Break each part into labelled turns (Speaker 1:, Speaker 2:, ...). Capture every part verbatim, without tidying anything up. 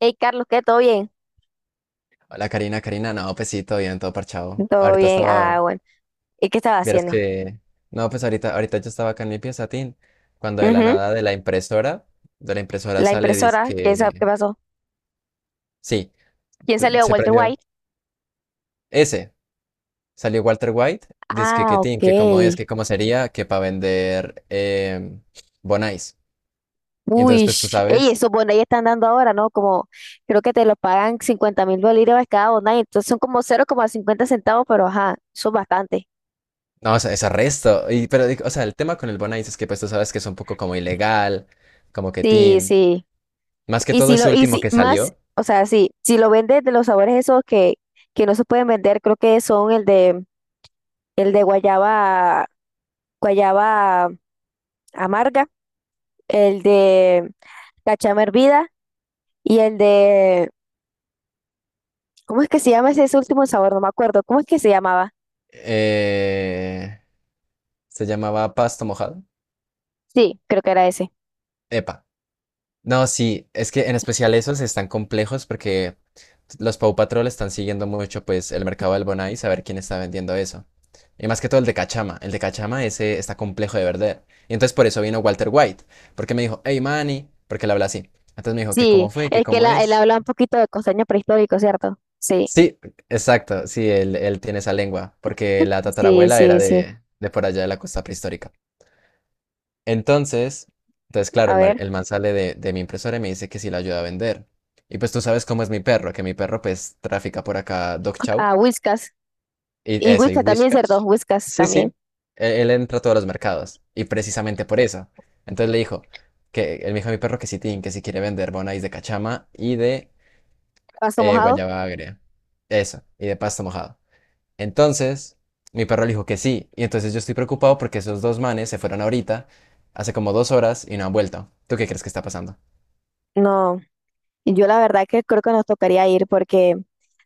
Speaker 1: Hey, Carlos, ¿qué? ¿Todo bien?
Speaker 2: Hola Karina, Karina, no, pues sí, todo bien, todo parchado.
Speaker 1: Todo
Speaker 2: Ahorita
Speaker 1: bien. Ah,
Speaker 2: estaba,
Speaker 1: bueno. ¿Y qué estaba
Speaker 2: vieras
Speaker 1: haciendo?
Speaker 2: que, no, pues ahorita, ahorita yo estaba acá en mi pieza, Tin, cuando de la
Speaker 1: Ujú.
Speaker 2: nada de la impresora, de la impresora
Speaker 1: La
Speaker 2: sale,
Speaker 1: impresora, ¿qué, sa- qué
Speaker 2: dizque,
Speaker 1: pasó?
Speaker 2: sí,
Speaker 1: ¿Quién
Speaker 2: se
Speaker 1: salió?
Speaker 2: se
Speaker 1: ¿Walter
Speaker 2: prendió,
Speaker 1: White?
Speaker 2: ese, salió Walter White, dizque
Speaker 1: Ah,
Speaker 2: que Tin,
Speaker 1: ok.
Speaker 2: que cómo es, que cómo sería, que para vender eh, Bonais. Y entonces,
Speaker 1: Uy,
Speaker 2: pues tú
Speaker 1: sh- ey,
Speaker 2: sabes,
Speaker 1: esos bonais están dando ahora, ¿no? Como, creo que te lo pagan cincuenta mil bolívares cada bonai, entonces son como cero coma cincuenta centavos, pero ajá, son bastante.
Speaker 2: no, o sea, es arresto, y, pero, digo, o sea, el tema con el Bonais es que, pues tú sabes que es un poco como ilegal, como que
Speaker 1: Sí,
Speaker 2: Tin,
Speaker 1: sí.
Speaker 2: más que
Speaker 1: Y
Speaker 2: todo
Speaker 1: si
Speaker 2: ese
Speaker 1: lo, y
Speaker 2: último
Speaker 1: si
Speaker 2: que
Speaker 1: más,
Speaker 2: salió.
Speaker 1: o sea, sí, si lo vendes de los sabores esos que, que no se pueden vender, creo que son el de, el de guayaba, guayaba amarga, el de la chama hervida y el de, ¿cómo es que se llama ese, ese último sabor? No me acuerdo, ¿cómo es que se llamaba?
Speaker 2: Eh, se llamaba pasta mojada.
Speaker 1: Sí, creo que era ese.
Speaker 2: Epa. No, sí, es que en especial esos están complejos porque los Paw Patrol están siguiendo mucho pues el mercado del Bonai saber quién está vendiendo eso. Y más que todo el de Cachama. El de Cachama ese está complejo de vender. Y entonces por eso vino Walter White. Porque me dijo, hey Manny, porque le habla así. Entonces me dijo que
Speaker 1: Sí,
Speaker 2: cómo fue, que
Speaker 1: el que
Speaker 2: cómo
Speaker 1: la- él
Speaker 2: es.
Speaker 1: habla un poquito de costeño prehistórico, ¿cierto? Sí,
Speaker 2: Sí, exacto, sí, él, él tiene esa lengua. Porque la
Speaker 1: sí,
Speaker 2: tatarabuela era
Speaker 1: sí, sí.
Speaker 2: de, de por allá de la costa prehistórica. Entonces, entonces claro,
Speaker 1: A
Speaker 2: el, ma-
Speaker 1: ver,
Speaker 2: el man sale de, de mi impresora y me dice que si la ayuda a vender. Y pues tú sabes cómo es mi perro, que mi perro pues trafica por acá Dog Chow
Speaker 1: a Whiskas.
Speaker 2: y
Speaker 1: Y
Speaker 2: eso, y
Speaker 1: Whiskas también, ¿cierto?
Speaker 2: Wishcash.
Speaker 1: Whiskas
Speaker 2: Sí, sí,
Speaker 1: también.
Speaker 2: e- él entra a todos los mercados y precisamente por eso. Entonces le dijo que él me dijo a mi perro que si tin, que si quiere vender bonais de cachama y de
Speaker 1: ¿Pasto
Speaker 2: eh,
Speaker 1: mojado?
Speaker 2: guayaba agria. Eso, y de pasto mojado. Entonces, mi perro le dijo que sí. Y entonces yo estoy preocupado porque esos dos manes se fueron ahorita, hace como dos horas, y no han vuelto. ¿Tú qué crees que está pasando?
Speaker 1: No. Yo la verdad que creo que nos tocaría ir porque,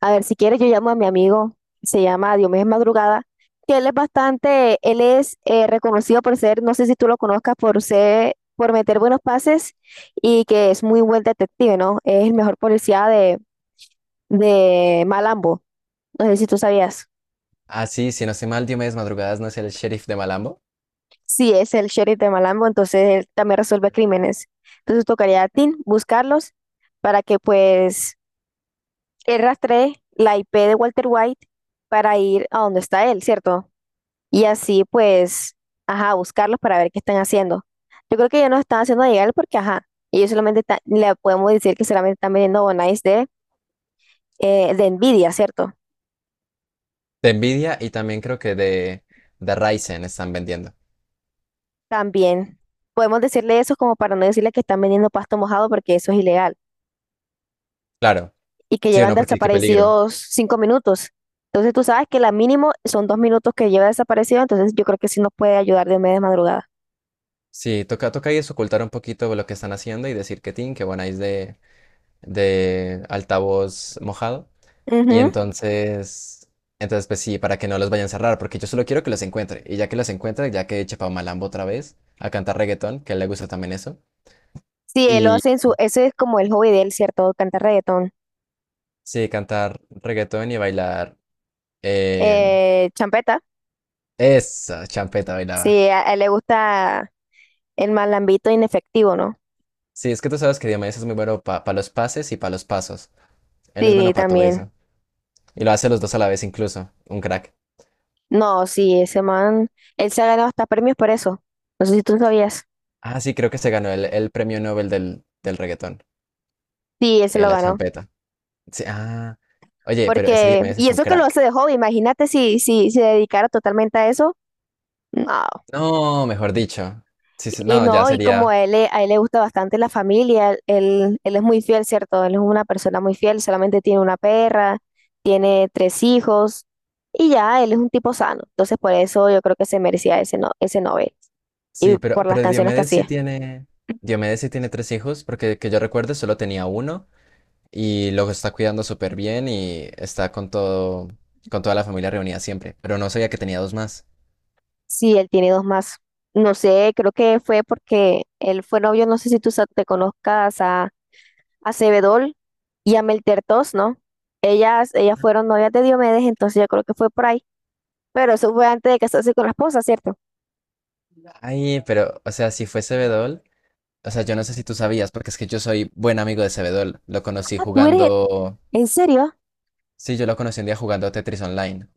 Speaker 1: a ver, si quieres yo llamo a mi amigo, se llama Diomedes Madrugada, que él es bastante, él es eh, reconocido por ser, no sé si tú lo conozcas, por ser, por meter buenos pases y que es muy buen detective, ¿no? Es el mejor policía de, de Malambo, no sé si tú sabías.
Speaker 2: Ah, sí, si no estoy mal, Diomedes Madrugadas no es el sheriff de Malambo.
Speaker 1: Sí, es el sheriff de Malambo, entonces él también resuelve crímenes. Entonces tocaría a ti buscarlos para que pues él rastrea la I P de Walter White para ir a donde está él, ¿cierto? Y así, pues, ajá, buscarlos para ver qué están haciendo. Yo creo que ellos no están haciendo llegar porque, ajá, ellos solamente ta- le podemos decir que solamente están vendiendo bonais de, eh, de Nvidia, ¿cierto?
Speaker 2: De Envidia y también creo que de, de Ryzen están vendiendo.
Speaker 1: También podemos decirle eso como para no decirle que están vendiendo pasto mojado porque eso es ilegal
Speaker 2: Claro,
Speaker 1: y que
Speaker 2: sí o
Speaker 1: llevan
Speaker 2: no, porque qué peligro.
Speaker 1: desaparecidos cinco minutos. Entonces tú sabes que la mínimo son dos minutos que lleva desaparecido, entonces yo creo que sí nos puede ayudar de media madrugada.
Speaker 2: Sí, toca, toca ahí es ocultar un poquito lo que están haciendo y decir que Tin, que bueno, ahí es de, de altavoz mojado. Y
Speaker 1: Ujú.
Speaker 2: entonces, entonces pues sí, para que no los vayan a cerrar, porque yo solo quiero que los encuentre. Y ya que los encuentre, ya que eche pa' Malambo otra vez a cantar reggaetón, que a él le gusta también eso.
Speaker 1: Sí, él lo
Speaker 2: Y
Speaker 1: hace en su, ese es como el hobby de él, ¿cierto? Cantar reggaetón.
Speaker 2: sí, cantar reggaetón y bailar. eh,
Speaker 1: Eh, champeta,
Speaker 2: esa champeta bailaba.
Speaker 1: sí, a, a él le gusta el malambito inefectivo, ¿no?
Speaker 2: Sí, es que tú sabes que Diomedes es muy bueno para los pases y para los pasos. Él es bueno
Speaker 1: Sí,
Speaker 2: para todo
Speaker 1: también.
Speaker 2: eso. Y lo hace los dos a la vez incluso. Un crack.
Speaker 1: No, sí, ese man, él se ha ganado hasta premios por eso. No sé si tú sabías.
Speaker 2: Ah, sí, creo que se ganó el, el premio Nobel del, del reggaetón
Speaker 1: Sí, él se
Speaker 2: y de
Speaker 1: lo
Speaker 2: la
Speaker 1: ganó.
Speaker 2: champeta. Sí, ah, oye, pero ese
Speaker 1: Porque,
Speaker 2: Diomedes
Speaker 1: y
Speaker 2: es un
Speaker 1: eso que lo hace
Speaker 2: crack.
Speaker 1: de hobby, imagínate si, si se dedicara totalmente a eso. No.
Speaker 2: No, mejor dicho. Sí, sí,
Speaker 1: Y
Speaker 2: no, ya
Speaker 1: no, y como
Speaker 2: sería.
Speaker 1: a él, le- a él le gusta bastante la familia, él, él es muy fiel, ¿cierto? Él es una persona muy fiel, solamente tiene una perra, tiene tres hijos y ya, él es un tipo sano. Entonces por eso yo creo que se merecía ese, no, ese Nobel y
Speaker 2: Sí,
Speaker 1: por
Speaker 2: pero,
Speaker 1: las
Speaker 2: pero
Speaker 1: canciones que
Speaker 2: Diomedes sí
Speaker 1: hacía.
Speaker 2: tiene. Diomedes sí tiene tres hijos, porque que yo recuerde solo tenía uno y lo está cuidando súper bien y está con todo, con toda la familia reunida siempre. Pero no sabía que tenía dos más.
Speaker 1: Sí, él tiene dos más. No sé, creo que fue porque él fue novio, no sé si tú sa- te conozcas a, a, Sebedol y a Meltertos, ¿no? Ellas, ellas fueron novias de Diomedes, entonces yo creo que fue por ahí. Pero eso fue antes de casarse con la esposa, ¿cierto?
Speaker 2: Ay, pero, o sea, si fue Cebedol, o sea, yo no sé si tú sabías, porque es que yo soy buen amigo de Cebedol. Lo conocí
Speaker 1: Ah, tú eres,
Speaker 2: jugando.
Speaker 1: he- ¿en serio?
Speaker 2: Sí, yo lo conocí un día jugando Tetris Online.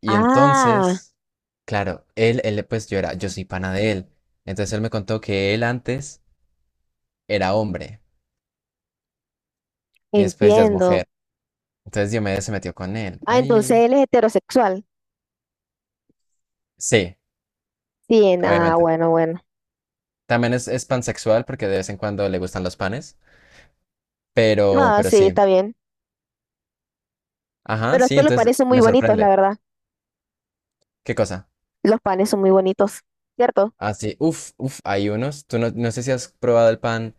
Speaker 2: Y
Speaker 1: Ah,
Speaker 2: entonces, claro, él, él, pues yo era, yo soy pana de él. Entonces él me contó que él antes era hombre y después ya es
Speaker 1: entiendo.
Speaker 2: mujer. Entonces Diomedes se metió con él.
Speaker 1: Ah, entonces
Speaker 2: Ay,
Speaker 1: él es heterosexual.
Speaker 2: sí,
Speaker 1: Sí, nada,
Speaker 2: obviamente.
Speaker 1: bueno, bueno.
Speaker 2: También es, es pansexual porque de vez en cuando le gustan los panes, pero,
Speaker 1: Ah,
Speaker 2: pero
Speaker 1: sí,
Speaker 2: sí.
Speaker 1: está bien.
Speaker 2: Ajá,
Speaker 1: Pero es
Speaker 2: sí,
Speaker 1: que los
Speaker 2: entonces
Speaker 1: panes son muy
Speaker 2: me
Speaker 1: bonitos,
Speaker 2: sorprende.
Speaker 1: la verdad.
Speaker 2: ¿Qué cosa?
Speaker 1: Los panes son muy bonitos, ¿cierto?
Speaker 2: Ah, sí, uf, uf, hay unos. Tú no, no sé si has probado el pan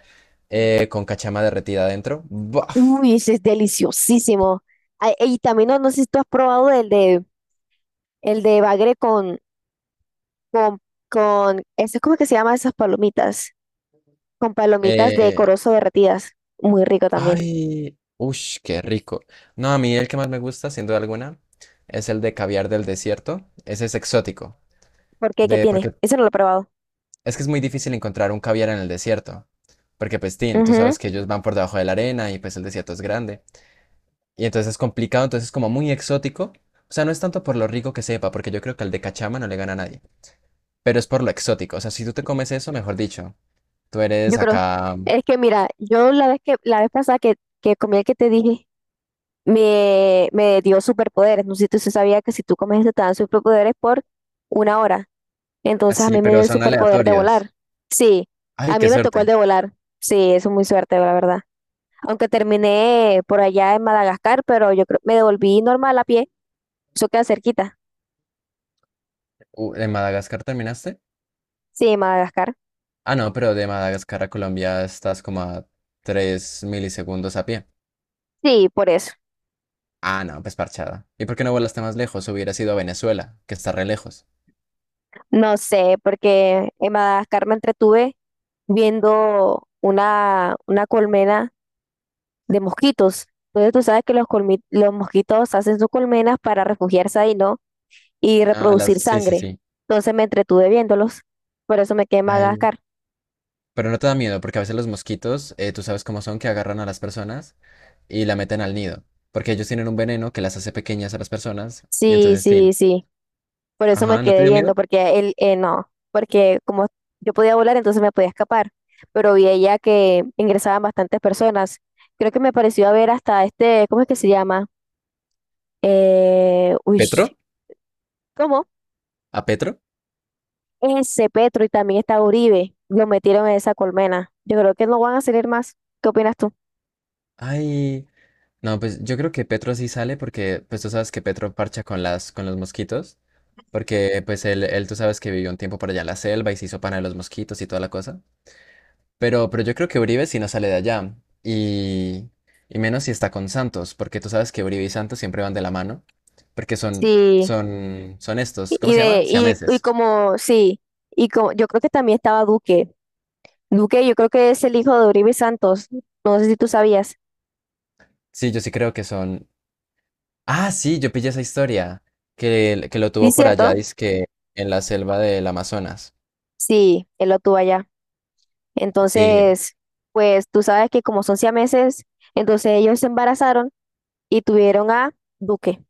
Speaker 2: eh, con cachama derretida adentro. Buf.
Speaker 1: Uy, ese es deliciosísimo. Ay, y también no, no sé si tú has probado el de el de bagre con con con eso, ¿cómo es como que se llama esas palomitas, con palomitas de corozo derretidas? Muy rico también.
Speaker 2: Ay, uff, qué rico. No, a mí el que más me gusta, sin duda alguna, es el de caviar del desierto. Ese es exótico,
Speaker 1: ¿Por qué? ¿Qué
Speaker 2: de
Speaker 1: tiene?
Speaker 2: porque
Speaker 1: Eso no lo he probado.
Speaker 2: es que es muy difícil encontrar un caviar en el desierto, porque pues tin, tú
Speaker 1: Ujú.
Speaker 2: sabes que ellos van por debajo de la arena y pues el desierto es grande. Y entonces es complicado, entonces es como muy exótico. O sea, no es tanto por lo rico que sepa, porque yo creo que al de cachama no le gana a nadie, pero es por lo exótico. O sea, si tú te comes eso, mejor dicho, tú
Speaker 1: Yo
Speaker 2: eres
Speaker 1: creo,
Speaker 2: acá.
Speaker 1: es que mira, yo la vez que la vez pasada que, que comí el que te dije, me, me dio superpoderes. No sé si tú sí sabías que si tú comes este te dan superpoderes por una hora.
Speaker 2: Ah,
Speaker 1: Entonces a
Speaker 2: sí,
Speaker 1: mí me dio
Speaker 2: pero
Speaker 1: el
Speaker 2: son
Speaker 1: superpoder de
Speaker 2: aleatorios.
Speaker 1: volar. Sí,
Speaker 2: Ay,
Speaker 1: a mí
Speaker 2: qué
Speaker 1: me tocó el
Speaker 2: suerte.
Speaker 1: de volar. Sí, eso es muy suerte, la verdad. Aunque terminé por allá en Madagascar, pero yo creo me devolví normal a pie. Eso queda cerquita.
Speaker 2: Uh, ¿en Madagascar terminaste?
Speaker 1: Sí, Madagascar.
Speaker 2: Ah, no, pero de Madagascar a Colombia estás como a tres milisegundos a pie.
Speaker 1: Sí, por eso.
Speaker 2: Ah, no, pues parchada. ¿Y por qué no volaste más lejos? Hubiera sido a Venezuela, que está re lejos.
Speaker 1: No sé, porque en Madagascar me entretuve viendo una, una colmena de mosquitos. Entonces tú sabes que los, colmi- los mosquitos hacen sus colmenas para refugiarse ahí, ¿no? Y
Speaker 2: Ah, las...
Speaker 1: reproducir
Speaker 2: sí, sí,
Speaker 1: sangre.
Speaker 2: sí.
Speaker 1: Entonces me entretuve viéndolos. Por eso me quedé en
Speaker 2: Ay.
Speaker 1: Madagascar.
Speaker 2: Pero no te da miedo, porque a veces los mosquitos, eh, tú sabes cómo son, que agarran a las personas y la meten al nido. Porque ellos tienen un veneno que las hace pequeñas a las personas. Y
Speaker 1: Sí,
Speaker 2: entonces,
Speaker 1: sí,
Speaker 2: sí.
Speaker 1: sí. Por eso me
Speaker 2: Ajá, ¿no
Speaker 1: quedé
Speaker 2: te dio
Speaker 1: viendo,
Speaker 2: miedo?
Speaker 1: porque él, eh, no, porque como yo podía volar, entonces me podía escapar. Pero vi ella que ingresaban bastantes personas. Creo que me pareció haber hasta este, ¿cómo es que se llama? Eh, uy,
Speaker 2: ¿Petro?
Speaker 1: ¿cómo?
Speaker 2: ¿A Petro?
Speaker 1: Ese Petro y también está Uribe, lo metieron en esa colmena. Yo creo que no van a salir más. ¿Qué opinas tú?
Speaker 2: Ay, no, pues yo creo que Petro sí sale porque, pues tú sabes que Petro parcha con las, con los mosquitos, porque pues él, él tú sabes que vivió un tiempo por allá en la selva y se hizo pana de los mosquitos y toda la cosa. Pero, pero yo creo que Uribe sí no sale de allá y, y menos si está con Santos, porque tú sabes que Uribe y Santos siempre van de la mano, porque son,
Speaker 1: Sí,
Speaker 2: son, son estos, ¿cómo
Speaker 1: y
Speaker 2: se
Speaker 1: de,
Speaker 2: llama?
Speaker 1: y, y
Speaker 2: Siameses.
Speaker 1: como, sí, y como, yo creo que también estaba Duque. Duque, yo creo que es el hijo de Uribe Santos. No sé si tú sabías.
Speaker 2: Sí, yo sí creo que son. Ah, sí, yo pillé esa historia que, que lo
Speaker 1: Sí,
Speaker 2: tuvo por
Speaker 1: cierto.
Speaker 2: allá, dizque en la selva del Amazonas.
Speaker 1: Sí, él lo tuvo allá.
Speaker 2: Sí,
Speaker 1: Entonces, pues tú sabes que como son siameses, entonces ellos se embarazaron y tuvieron a Duque.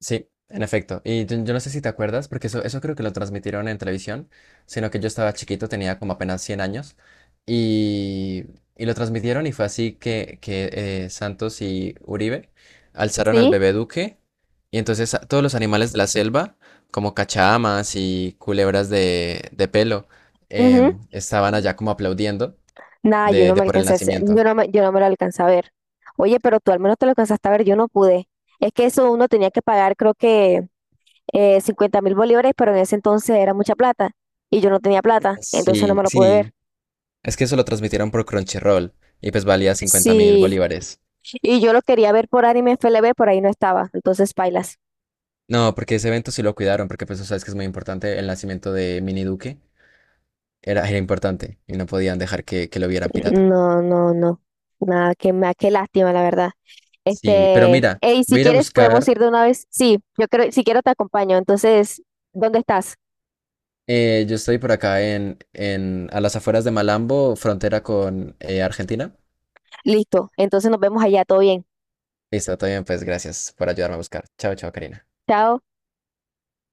Speaker 2: sí, en efecto. Y yo, yo no sé si te acuerdas, porque eso, eso creo que lo transmitieron en televisión, sino que yo estaba chiquito, tenía como apenas cien años, y, y lo transmitieron y fue así que, que eh, Santos y Uribe alzaron al
Speaker 1: Sí.
Speaker 2: bebé Duque, y entonces a- todos los animales de la selva, como cachamas y culebras de, de pelo,
Speaker 1: Ujú.
Speaker 2: em, estaban allá como aplaudiendo
Speaker 1: Nada, yo
Speaker 2: de,
Speaker 1: no
Speaker 2: de
Speaker 1: me
Speaker 2: por el
Speaker 1: alcancé a hacer-
Speaker 2: nacimiento.
Speaker 1: yo no me, yo no me lo alcancé a ver. Oye, pero tú al menos te lo alcanzaste a ver, yo no pude. Es que eso uno tenía que pagar, creo que eh, cincuenta mil bolívares mil bolívares, pero en ese entonces era mucha plata y yo no tenía plata, entonces no
Speaker 2: Sí,
Speaker 1: me lo pude ver.
Speaker 2: sí, Es que eso lo transmitieron por Crunchyroll y pues valía cincuenta mil
Speaker 1: Sí,
Speaker 2: bolívares.
Speaker 1: y yo lo quería ver por Anime F L B, por ahí no estaba, entonces pailas.
Speaker 2: No, porque ese evento sí lo cuidaron, porque pues tú sabes que es muy importante el nacimiento de Mini Duque. Era, era importante y no podían dejar que, que lo vieran pirata.
Speaker 1: No, no, no. Nada, qué, ma- qué lástima, la verdad.
Speaker 2: Sí, pero
Speaker 1: Este,
Speaker 2: mira,
Speaker 1: hey, si
Speaker 2: voy a ir a
Speaker 1: quieres podemos
Speaker 2: buscar.
Speaker 1: ir de una vez. Sí, yo creo, si quiero te acompaño. Entonces, ¿dónde estás?
Speaker 2: eh, yo estoy por acá en, en a las afueras de Malambo, frontera con eh, Argentina.
Speaker 1: Listo. Entonces nos vemos allá, todo bien.
Speaker 2: Listo, todo bien, pues gracias por ayudarme a buscar. Chao, chao, Karina.
Speaker 1: Chao.